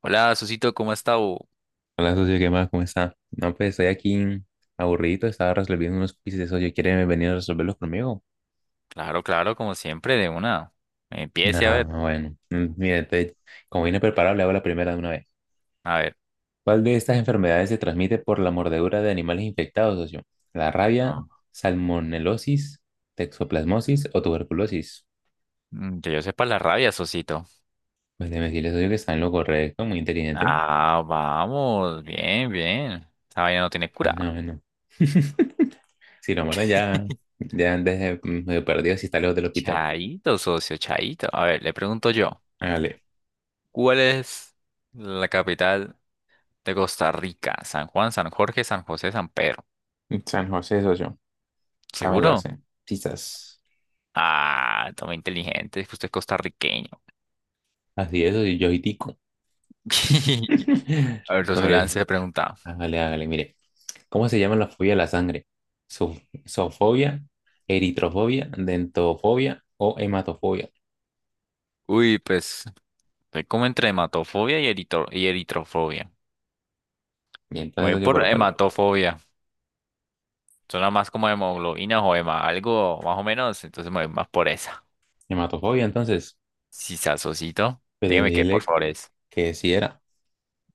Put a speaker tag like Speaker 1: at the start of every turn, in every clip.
Speaker 1: Hola, Susito, ¿cómo está? Bu?
Speaker 2: Hola, socio, ¿qué más? ¿Cómo está? No, pues estoy aquí aburrido, estaba resolviendo unos quizzes, socio, ¿quiere venir a resolverlos conmigo?
Speaker 1: Claro, claro, como siempre, de una. Empiece a
Speaker 2: Ah,
Speaker 1: ver.
Speaker 2: bueno, mire, como vine preparado, le hago la primera de una vez.
Speaker 1: A ver.
Speaker 2: ¿Cuál de estas enfermedades se transmite por la mordedura de animales infectados, socio? ¿La rabia,
Speaker 1: No,
Speaker 2: salmonelosis, toxoplasmosis o tuberculosis?
Speaker 1: que yo sepa la rabia, Susito.
Speaker 2: Pues déjeme decirle, socio, que está en lo correcto, muy inteligente.
Speaker 1: Ah, vamos. Bien, bien. Esta vaina no tiene
Speaker 2: Ay,
Speaker 1: cura.
Speaker 2: no, bueno. Si lo matan ya, ya antes de medio perdido si está lejos del hospital.
Speaker 1: Chaito, socio, chaito. A ver, le pregunto yo.
Speaker 2: Hágale.
Speaker 1: ¿Cuál es la capital de Costa Rica? San Juan, San Jorge, San José, San Pedro.
Speaker 2: San José, socio. Sea, me la
Speaker 1: ¿Seguro?
Speaker 2: sé. Quizás.
Speaker 1: Ah, toma inteligente, es que usted es costarriqueño.
Speaker 2: Así es, soy yo y tico.
Speaker 1: A ver,
Speaker 2: No,
Speaker 1: socio,
Speaker 2: mire,
Speaker 1: le pregunta.
Speaker 2: hágale, hágale, mire. ¿Cómo se llama la fobia de la sangre? Zo- ¿Zoofobia, eritrofobia, dentofobia o hematofobia?
Speaker 1: Uy, pues. Estoy como entre hematofobia y eritrofobia.
Speaker 2: Y
Speaker 1: Me
Speaker 2: entonces,
Speaker 1: voy
Speaker 2: oye,
Speaker 1: por
Speaker 2: ¿por cuál?
Speaker 1: hematofobia. Suena más como hemoglobina o hema, algo más o menos. Entonces me voy más por esa.
Speaker 2: Hematofobia, entonces.
Speaker 1: Si sasocito,
Speaker 2: Pues de mi
Speaker 1: dígame qué, por
Speaker 2: dile
Speaker 1: favor, es.
Speaker 2: que sí era.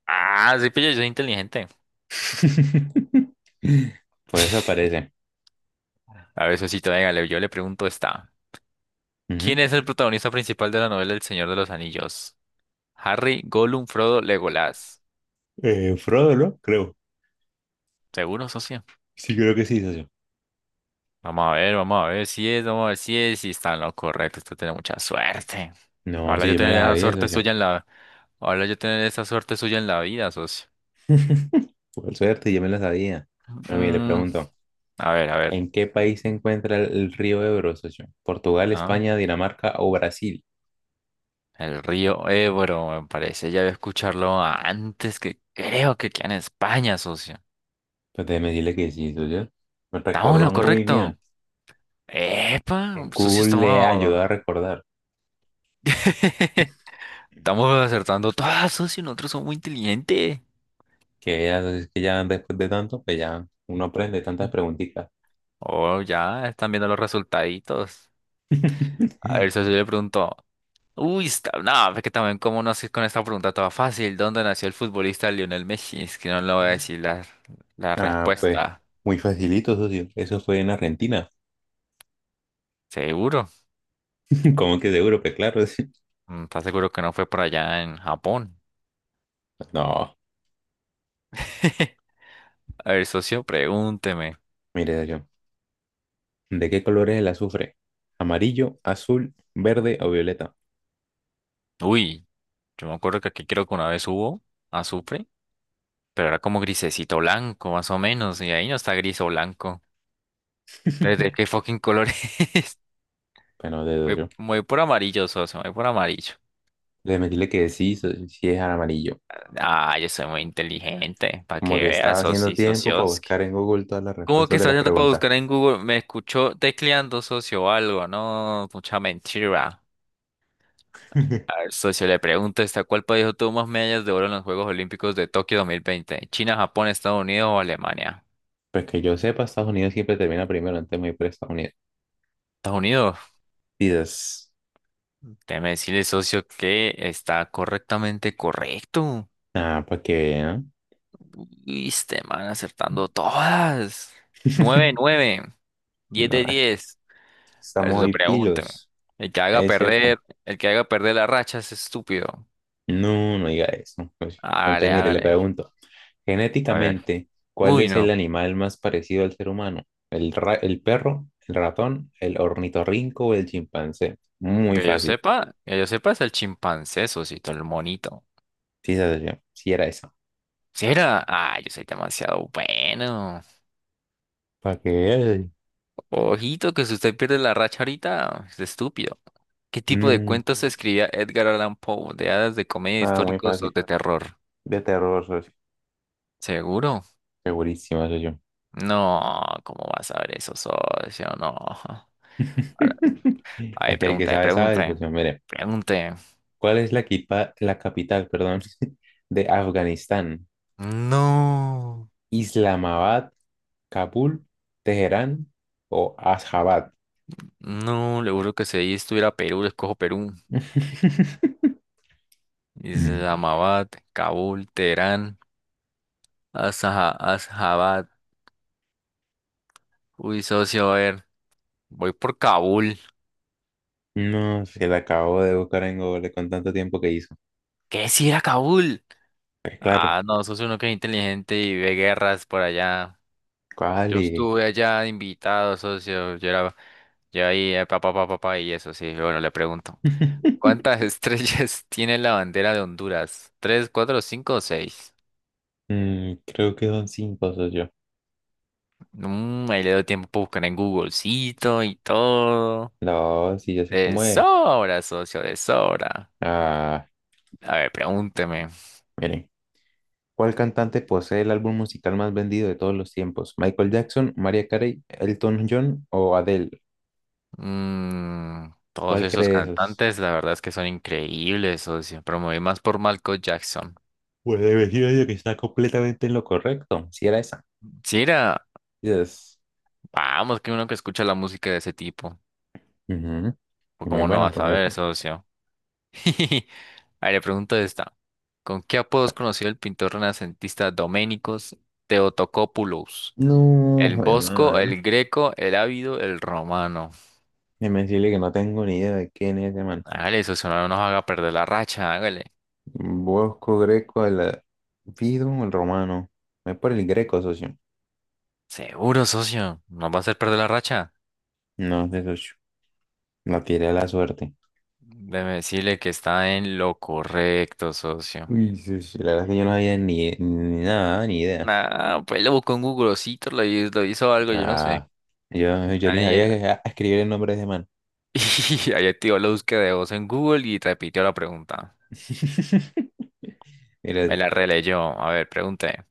Speaker 1: Ah, sí, pillo, yo soy inteligente.
Speaker 2: Pues eso parece.
Speaker 1: A ver, Sosito, dígale, yo le pregunto esta. ¿Quién
Speaker 2: Ujú.
Speaker 1: es el protagonista principal de la novela El Señor de los Anillos? Harry, Gollum, Frodo, Legolas.
Speaker 2: Frodo, ¿no? Creo.
Speaker 1: ¿Seguro, socio?
Speaker 2: Sí, creo que sí, socio.
Speaker 1: Vamos a ver si es, vamos a ver si es, si está en lo correcto. Usted tiene mucha suerte.
Speaker 2: No,
Speaker 1: Ojalá
Speaker 2: sí,
Speaker 1: yo
Speaker 2: yo me
Speaker 1: tener
Speaker 2: la
Speaker 1: la Bueno,
Speaker 2: sabía,
Speaker 1: suerte
Speaker 2: socio.
Speaker 1: suya en la Ojalá yo tener esa suerte suya en la vida, socio.
Speaker 2: Por suerte, yo me la sabía. Bueno, mire, le
Speaker 1: Mm,
Speaker 2: pregunto.
Speaker 1: a ver, a ver.
Speaker 2: ¿En qué país se encuentra el río Ebro, socio? ¿Portugal,
Speaker 1: Ah,
Speaker 2: España, Dinamarca o Brasil?
Speaker 1: el río Ebro, me parece. Ya había escucharlo antes que creo que queda en España, socio.
Speaker 2: Pues déjeme decirle que sí, socio. Me
Speaker 1: ¿Estamos en
Speaker 2: recordó
Speaker 1: lo
Speaker 2: muy bien.
Speaker 1: correcto? Epa, socio,
Speaker 2: Google le
Speaker 1: estamos...
Speaker 2: ayudó a recordar.
Speaker 1: Estamos acertando todas, socio. Nosotros somos muy inteligentes.
Speaker 2: Que ya, es que ya después de tanto, pues ya uno aprende tantas preguntitas.
Speaker 1: Oh, ya, están viendo los resultaditos. A ver, socio, yo le pregunto. Uy, está, no, es que también cómo no sé con esta pregunta toda fácil. ¿Dónde nació el futbolista Lionel Messi? Es que no le voy a decir la
Speaker 2: Ah, pues
Speaker 1: respuesta.
Speaker 2: muy facilito, socio. Eso fue en Argentina.
Speaker 1: ¿Seguro?
Speaker 2: ¿Cómo que seguro? Pues claro. Sí.
Speaker 1: Mm. ¿Estás seguro que no fue por allá en Japón?
Speaker 2: No,
Speaker 1: A ver, socio, pregúnteme.
Speaker 2: mire, socio. ¿De qué color es el azufre? ¿Amarillo, azul, verde o violeta?
Speaker 1: Uy, yo me acuerdo que aquí creo que una vez hubo azufre, pero era como grisecito blanco, más o menos, y ahí no está gris o blanco. Entonces, ¿de qué fucking color es?
Speaker 2: Bueno, de
Speaker 1: Voy,
Speaker 2: socio.
Speaker 1: voy por amarillo, socio, voy por amarillo.
Speaker 2: Le metí le que sí, sí es al amarillo.
Speaker 1: Ah, yo soy muy inteligente, para que
Speaker 2: Como que
Speaker 1: veas.
Speaker 2: estaba haciendo
Speaker 1: Muy
Speaker 2: tiempo para
Speaker 1: socios.
Speaker 2: buscar en Google todas las
Speaker 1: ¿Cómo
Speaker 2: respuestas
Speaker 1: que
Speaker 2: de
Speaker 1: está
Speaker 2: las
Speaker 1: haciendo para
Speaker 2: preguntas.
Speaker 1: buscar en Google? Me escuchó tecleando socio o algo, no, mucha mentira. A ver, socio, le pregunto, ¿esta cuál país obtuvo más medallas de oro en los Juegos Olímpicos de Tokio 2020? ¿China, Japón, Estados Unidos o Alemania?
Speaker 2: Pues que yo sepa, Estados Unidos siempre termina primero antes de ir por Estados Unidos.
Speaker 1: Estados Unidos.
Speaker 2: Dices,
Speaker 1: Déjeme decirle, socio, que está correctamente correcto.
Speaker 2: ah, para que vean.
Speaker 1: Uy, este man acertando todas. Nueve, nueve, diez
Speaker 2: No,
Speaker 1: de diez A ver,
Speaker 2: estamos
Speaker 1: socio,
Speaker 2: hoy
Speaker 1: pregúnteme.
Speaker 2: pilos.
Speaker 1: El que haga
Speaker 2: Es cierto.
Speaker 1: perder, el que haga perder la racha es estúpido.
Speaker 2: No, no diga eso. Pues, antes,
Speaker 1: Hágale,
Speaker 2: mire, le
Speaker 1: hágale.
Speaker 2: pregunto.
Speaker 1: A ver.
Speaker 2: Genéticamente, ¿cuál
Speaker 1: Uy,
Speaker 2: es el
Speaker 1: no.
Speaker 2: animal más parecido al ser humano? ¿El el perro, el ratón, el ornitorrinco o el chimpancé? Muy
Speaker 1: Que yo
Speaker 2: fácil.
Speaker 1: sepa, que yo sepa es el chimpancé, socito, el monito.
Speaker 2: Sí, esa soy yo. Sí, era eso.
Speaker 1: ¿Será? Ah, yo soy demasiado bueno.
Speaker 2: Para que veas.
Speaker 1: Ojito, que si usted pierde la racha ahorita, es estúpido. ¿Qué tipo de
Speaker 2: No,
Speaker 1: cuentos escribía Edgar Allan Poe? ¿De hadas, de comedia,
Speaker 2: nada, muy
Speaker 1: históricos o
Speaker 2: fácil.
Speaker 1: de terror?
Speaker 2: De terror, socio.
Speaker 1: ¿Seguro?
Speaker 2: Segurísima, socio.
Speaker 1: No, ¿cómo vas a ver eso, socio? No. Ahora, a ver,
Speaker 2: Aquí hay que
Speaker 1: pregunte,
Speaker 2: sabe, sabe,
Speaker 1: pregunte,
Speaker 2: socio. Mire,
Speaker 1: pregunte.
Speaker 2: ¿cuál es la, la capital, perdón, de Afganistán?
Speaker 1: No,
Speaker 2: ¿Islamabad, Kabul, Teherán o Asjabad?
Speaker 1: no, le juro que si ahí estuviera Perú, le escojo Perú. Y se
Speaker 2: Mm.
Speaker 1: llamaba Kabul, Teherán, Asjabad. Uy, socio, a ver, voy por Kabul.
Speaker 2: No, se la acabo de buscar en Google con tanto tiempo que hizo.
Speaker 1: ¿Qué si era Kabul?
Speaker 2: Pues claro,
Speaker 1: Ah, no, socio, uno que es inteligente y ve guerras por allá.
Speaker 2: ¿cuál
Speaker 1: Yo estuve allá de invitado, socio. Yo ahí, pa, pa, pa, pa, pa, y eso, sí. Bueno, le pregunto. ¿Cuántas estrellas tiene la bandera de Honduras? ¿Tres, cuatro, cinco o seis?
Speaker 2: Creo que son cinco, soy yo.
Speaker 1: Mm, ahí le doy tiempo para buscar en Googlecito y todo.
Speaker 2: No, sí, ya sé
Speaker 1: De
Speaker 2: cómo es.
Speaker 1: sobra, socio, de sobra.
Speaker 2: Ah,
Speaker 1: A ver, pregúnteme.
Speaker 2: miren. ¿Cuál cantante posee el álbum musical más vendido de todos los tiempos? ¿Michael Jackson, Mariah Carey, Elton John o Adele?
Speaker 1: Todos
Speaker 2: ¿Cuál cree
Speaker 1: esos
Speaker 2: de esos?
Speaker 1: cantantes, la verdad es que son increíbles, socio. Pero me voy más por Michael Jackson.
Speaker 2: Pues elegido yo que está completamente en lo correcto. Si era esa.
Speaker 1: Sí,
Speaker 2: Yes.
Speaker 1: vamos, que uno que escucha la música de ese tipo.
Speaker 2: Ujú. Y
Speaker 1: Pues
Speaker 2: muy
Speaker 1: cómo no
Speaker 2: buena,
Speaker 1: vas
Speaker 2: por
Speaker 1: a ver,
Speaker 2: cierto.
Speaker 1: socio. A ver, le pregunto esta. ¿Con qué apodo es conocido el pintor renacentista Doménicos Theotocopoulos?
Speaker 2: No,
Speaker 1: El
Speaker 2: joder,
Speaker 1: Bosco,
Speaker 2: madre.
Speaker 1: el Greco, el Ávido, el Romano.
Speaker 2: Déjeme decirle que no tengo ni idea de quién es ese man.
Speaker 1: Hágale, socio, no nos haga perder la racha, hágale.
Speaker 2: Bosco Greco, el Fido, el romano. Voy por el Greco, socio.
Speaker 1: Seguro, socio, nos va a hacer perder la racha.
Speaker 2: No, de socio. La tiré a la suerte.
Speaker 1: Déjeme decirle que está en lo correcto, socio.
Speaker 2: Uy, sí, sí, la verdad es que yo no había ni nada, ni idea.
Speaker 1: Ah, pues lo buscó en Googlecito, lo hizo algo, yo no sé.
Speaker 2: Ah, yo, yo ni
Speaker 1: Ahí,
Speaker 2: sabía escribir el nombre de ese man.
Speaker 1: y ahí activó la búsqueda de voz en Google y repitió la pregunta.
Speaker 2: Mira, yo,
Speaker 1: Me la releyó. A ver, pregunté.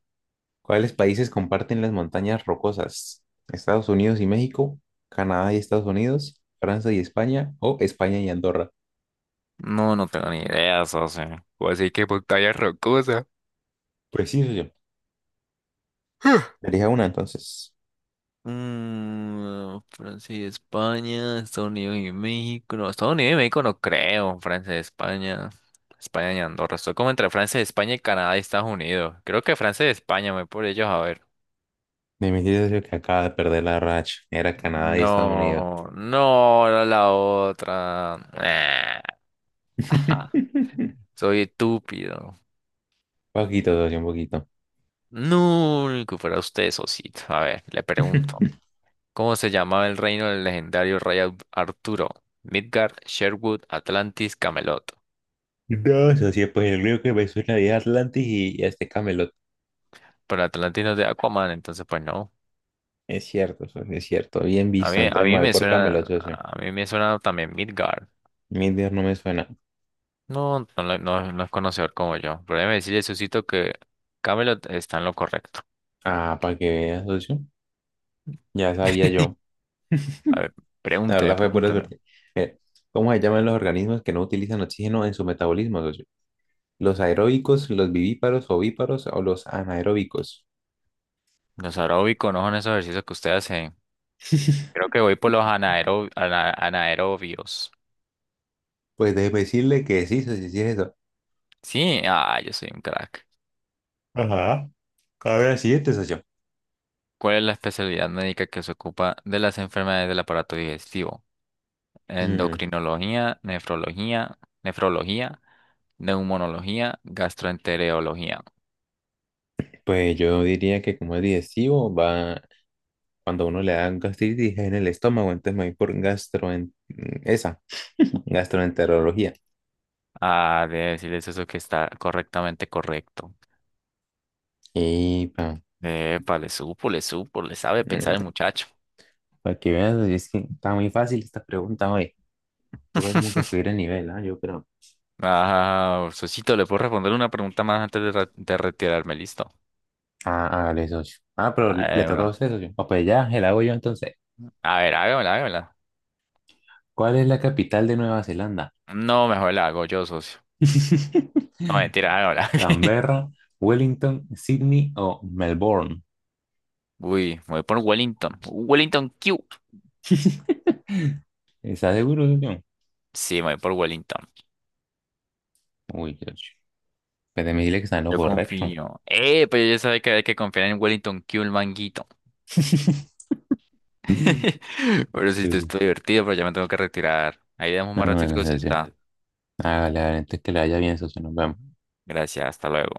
Speaker 2: ¿cuáles países comparten las montañas rocosas? ¿Estados Unidos y México? ¿Canadá y Estados Unidos? ¿Francia y España? ¿O España y Andorra?
Speaker 1: No, no tengo ni idea, socio. Pues así que pantalla rocosa.
Speaker 2: Preciso yo. Elija una entonces.
Speaker 1: Mm, Francia y España, Estados Unidos y México. No, Estados Unidos y México no creo. Francia y España. España y Andorra. Estoy como entre Francia y España y Canadá y Estados Unidos. Creo que Francia y España, me voy por ellos a ver.
Speaker 2: Me mentira yo que acaba de perder la racha. Era Canadá y Estados Unidos.
Speaker 1: No, no, era la otra. Ah, ajá, soy estúpido.
Speaker 2: Poquito, socio, un poquito.
Speaker 1: No, que fuera usted, socito. A ver, le pregunto. ¿Cómo se llamaba el reino del legendario rey Arturo? Midgard, Sherwood, Atlantis, Camelot.
Speaker 2: No, socio, pues el único que me suena es Atlantis y este Camelot.
Speaker 1: Pero Atlantis no es de Aquaman, entonces pues no.
Speaker 2: Es cierto, socio, es cierto. Bien
Speaker 1: A
Speaker 2: visto,
Speaker 1: mí, a
Speaker 2: entonces
Speaker 1: mí
Speaker 2: me
Speaker 1: me
Speaker 2: voy
Speaker 1: Bueno,
Speaker 2: por
Speaker 1: suena,
Speaker 2: Camelot, socio.
Speaker 1: a mí me suena también Midgard.
Speaker 2: Mi Dios no me suena.
Speaker 1: No, no, no, no es conocedor como yo. Pero déjeme decirle, Susito, que Camelot está en lo correcto.
Speaker 2: Ah, para que veas, socio. Ya sabía yo.
Speaker 1: A ver,
Speaker 2: La verdad
Speaker 1: pregúnteme,
Speaker 2: fue pura
Speaker 1: pregúnteme.
Speaker 2: suerte. Mire, ¿cómo se llaman los organismos que no utilizan oxígeno en su metabolismo, socio? ¿Los aeróbicos, los vivíparos, ovíparos o los anaeróbicos?
Speaker 1: Los aeróbicos no son esos ejercicios que ustedes hacen. Creo que voy por los anaerobios.
Speaker 2: Pues déjeme decirle que sí, socio, sí es eso.
Speaker 1: Sí, yo soy un crack.
Speaker 2: Ajá. A ver, siguiente, socio.
Speaker 1: ¿Cuál es la especialidad médica que se ocupa de las enfermedades del aparato digestivo?
Speaker 2: Mm,
Speaker 1: Endocrinología, nefrología, nefrología, neumonología, gastroenterología.
Speaker 2: pues yo diría que como es digestivo, va cuando uno le da gastritis en el estómago, entonces me voy por gastro, esa, gastroenterología.
Speaker 1: Ah, debe decirles eso que está correctamente correcto.
Speaker 2: Y pa,
Speaker 1: Epa, le sabe pensar el
Speaker 2: no,
Speaker 1: muchacho.
Speaker 2: para que veas, es que está muy fácil esta pregunta hoy. Toca como que subir el nivel, ¿ah? Yo creo.
Speaker 1: Ah, Sosito, ¿le puedo responder una pregunta más antes de retirarme? Listo.
Speaker 2: Ah, ah, socio. Ah, pero
Speaker 1: A
Speaker 2: le
Speaker 1: ver,
Speaker 2: toca a
Speaker 1: una.
Speaker 2: usted, socio. Ah, pues ya, el hago yo entonces.
Speaker 1: A ver, hágamela, hágamela.
Speaker 2: ¿Cuál es la capital de Nueva Zelanda?
Speaker 1: No, mejor la hago yo, socio. No, mentira, hágamela.
Speaker 2: ¿Canberra, Wellington, Sydney o Melbourne?
Speaker 1: Uy, me voy por Wellington. Wellington Q.
Speaker 2: ¿Está seguro, socio?
Speaker 1: Sí, me voy por Wellington.
Speaker 2: Uy, socio. Pues me dile que está en lo
Speaker 1: Yo
Speaker 2: correcto.
Speaker 1: confío. Pero ya sabía que hay que confiar en Wellington Q, el manguito. Pero sí,
Speaker 2: Pues,
Speaker 1: esto
Speaker 2: sí.
Speaker 1: estoy divertido, pero ya me tengo que retirar. Ahí damos
Speaker 2: Más
Speaker 1: más
Speaker 2: o menos.
Speaker 1: ratito si está.
Speaker 2: Hágale, hágale, antes que le vaya bien, socio, nos vemos.
Speaker 1: Gracias, hasta luego.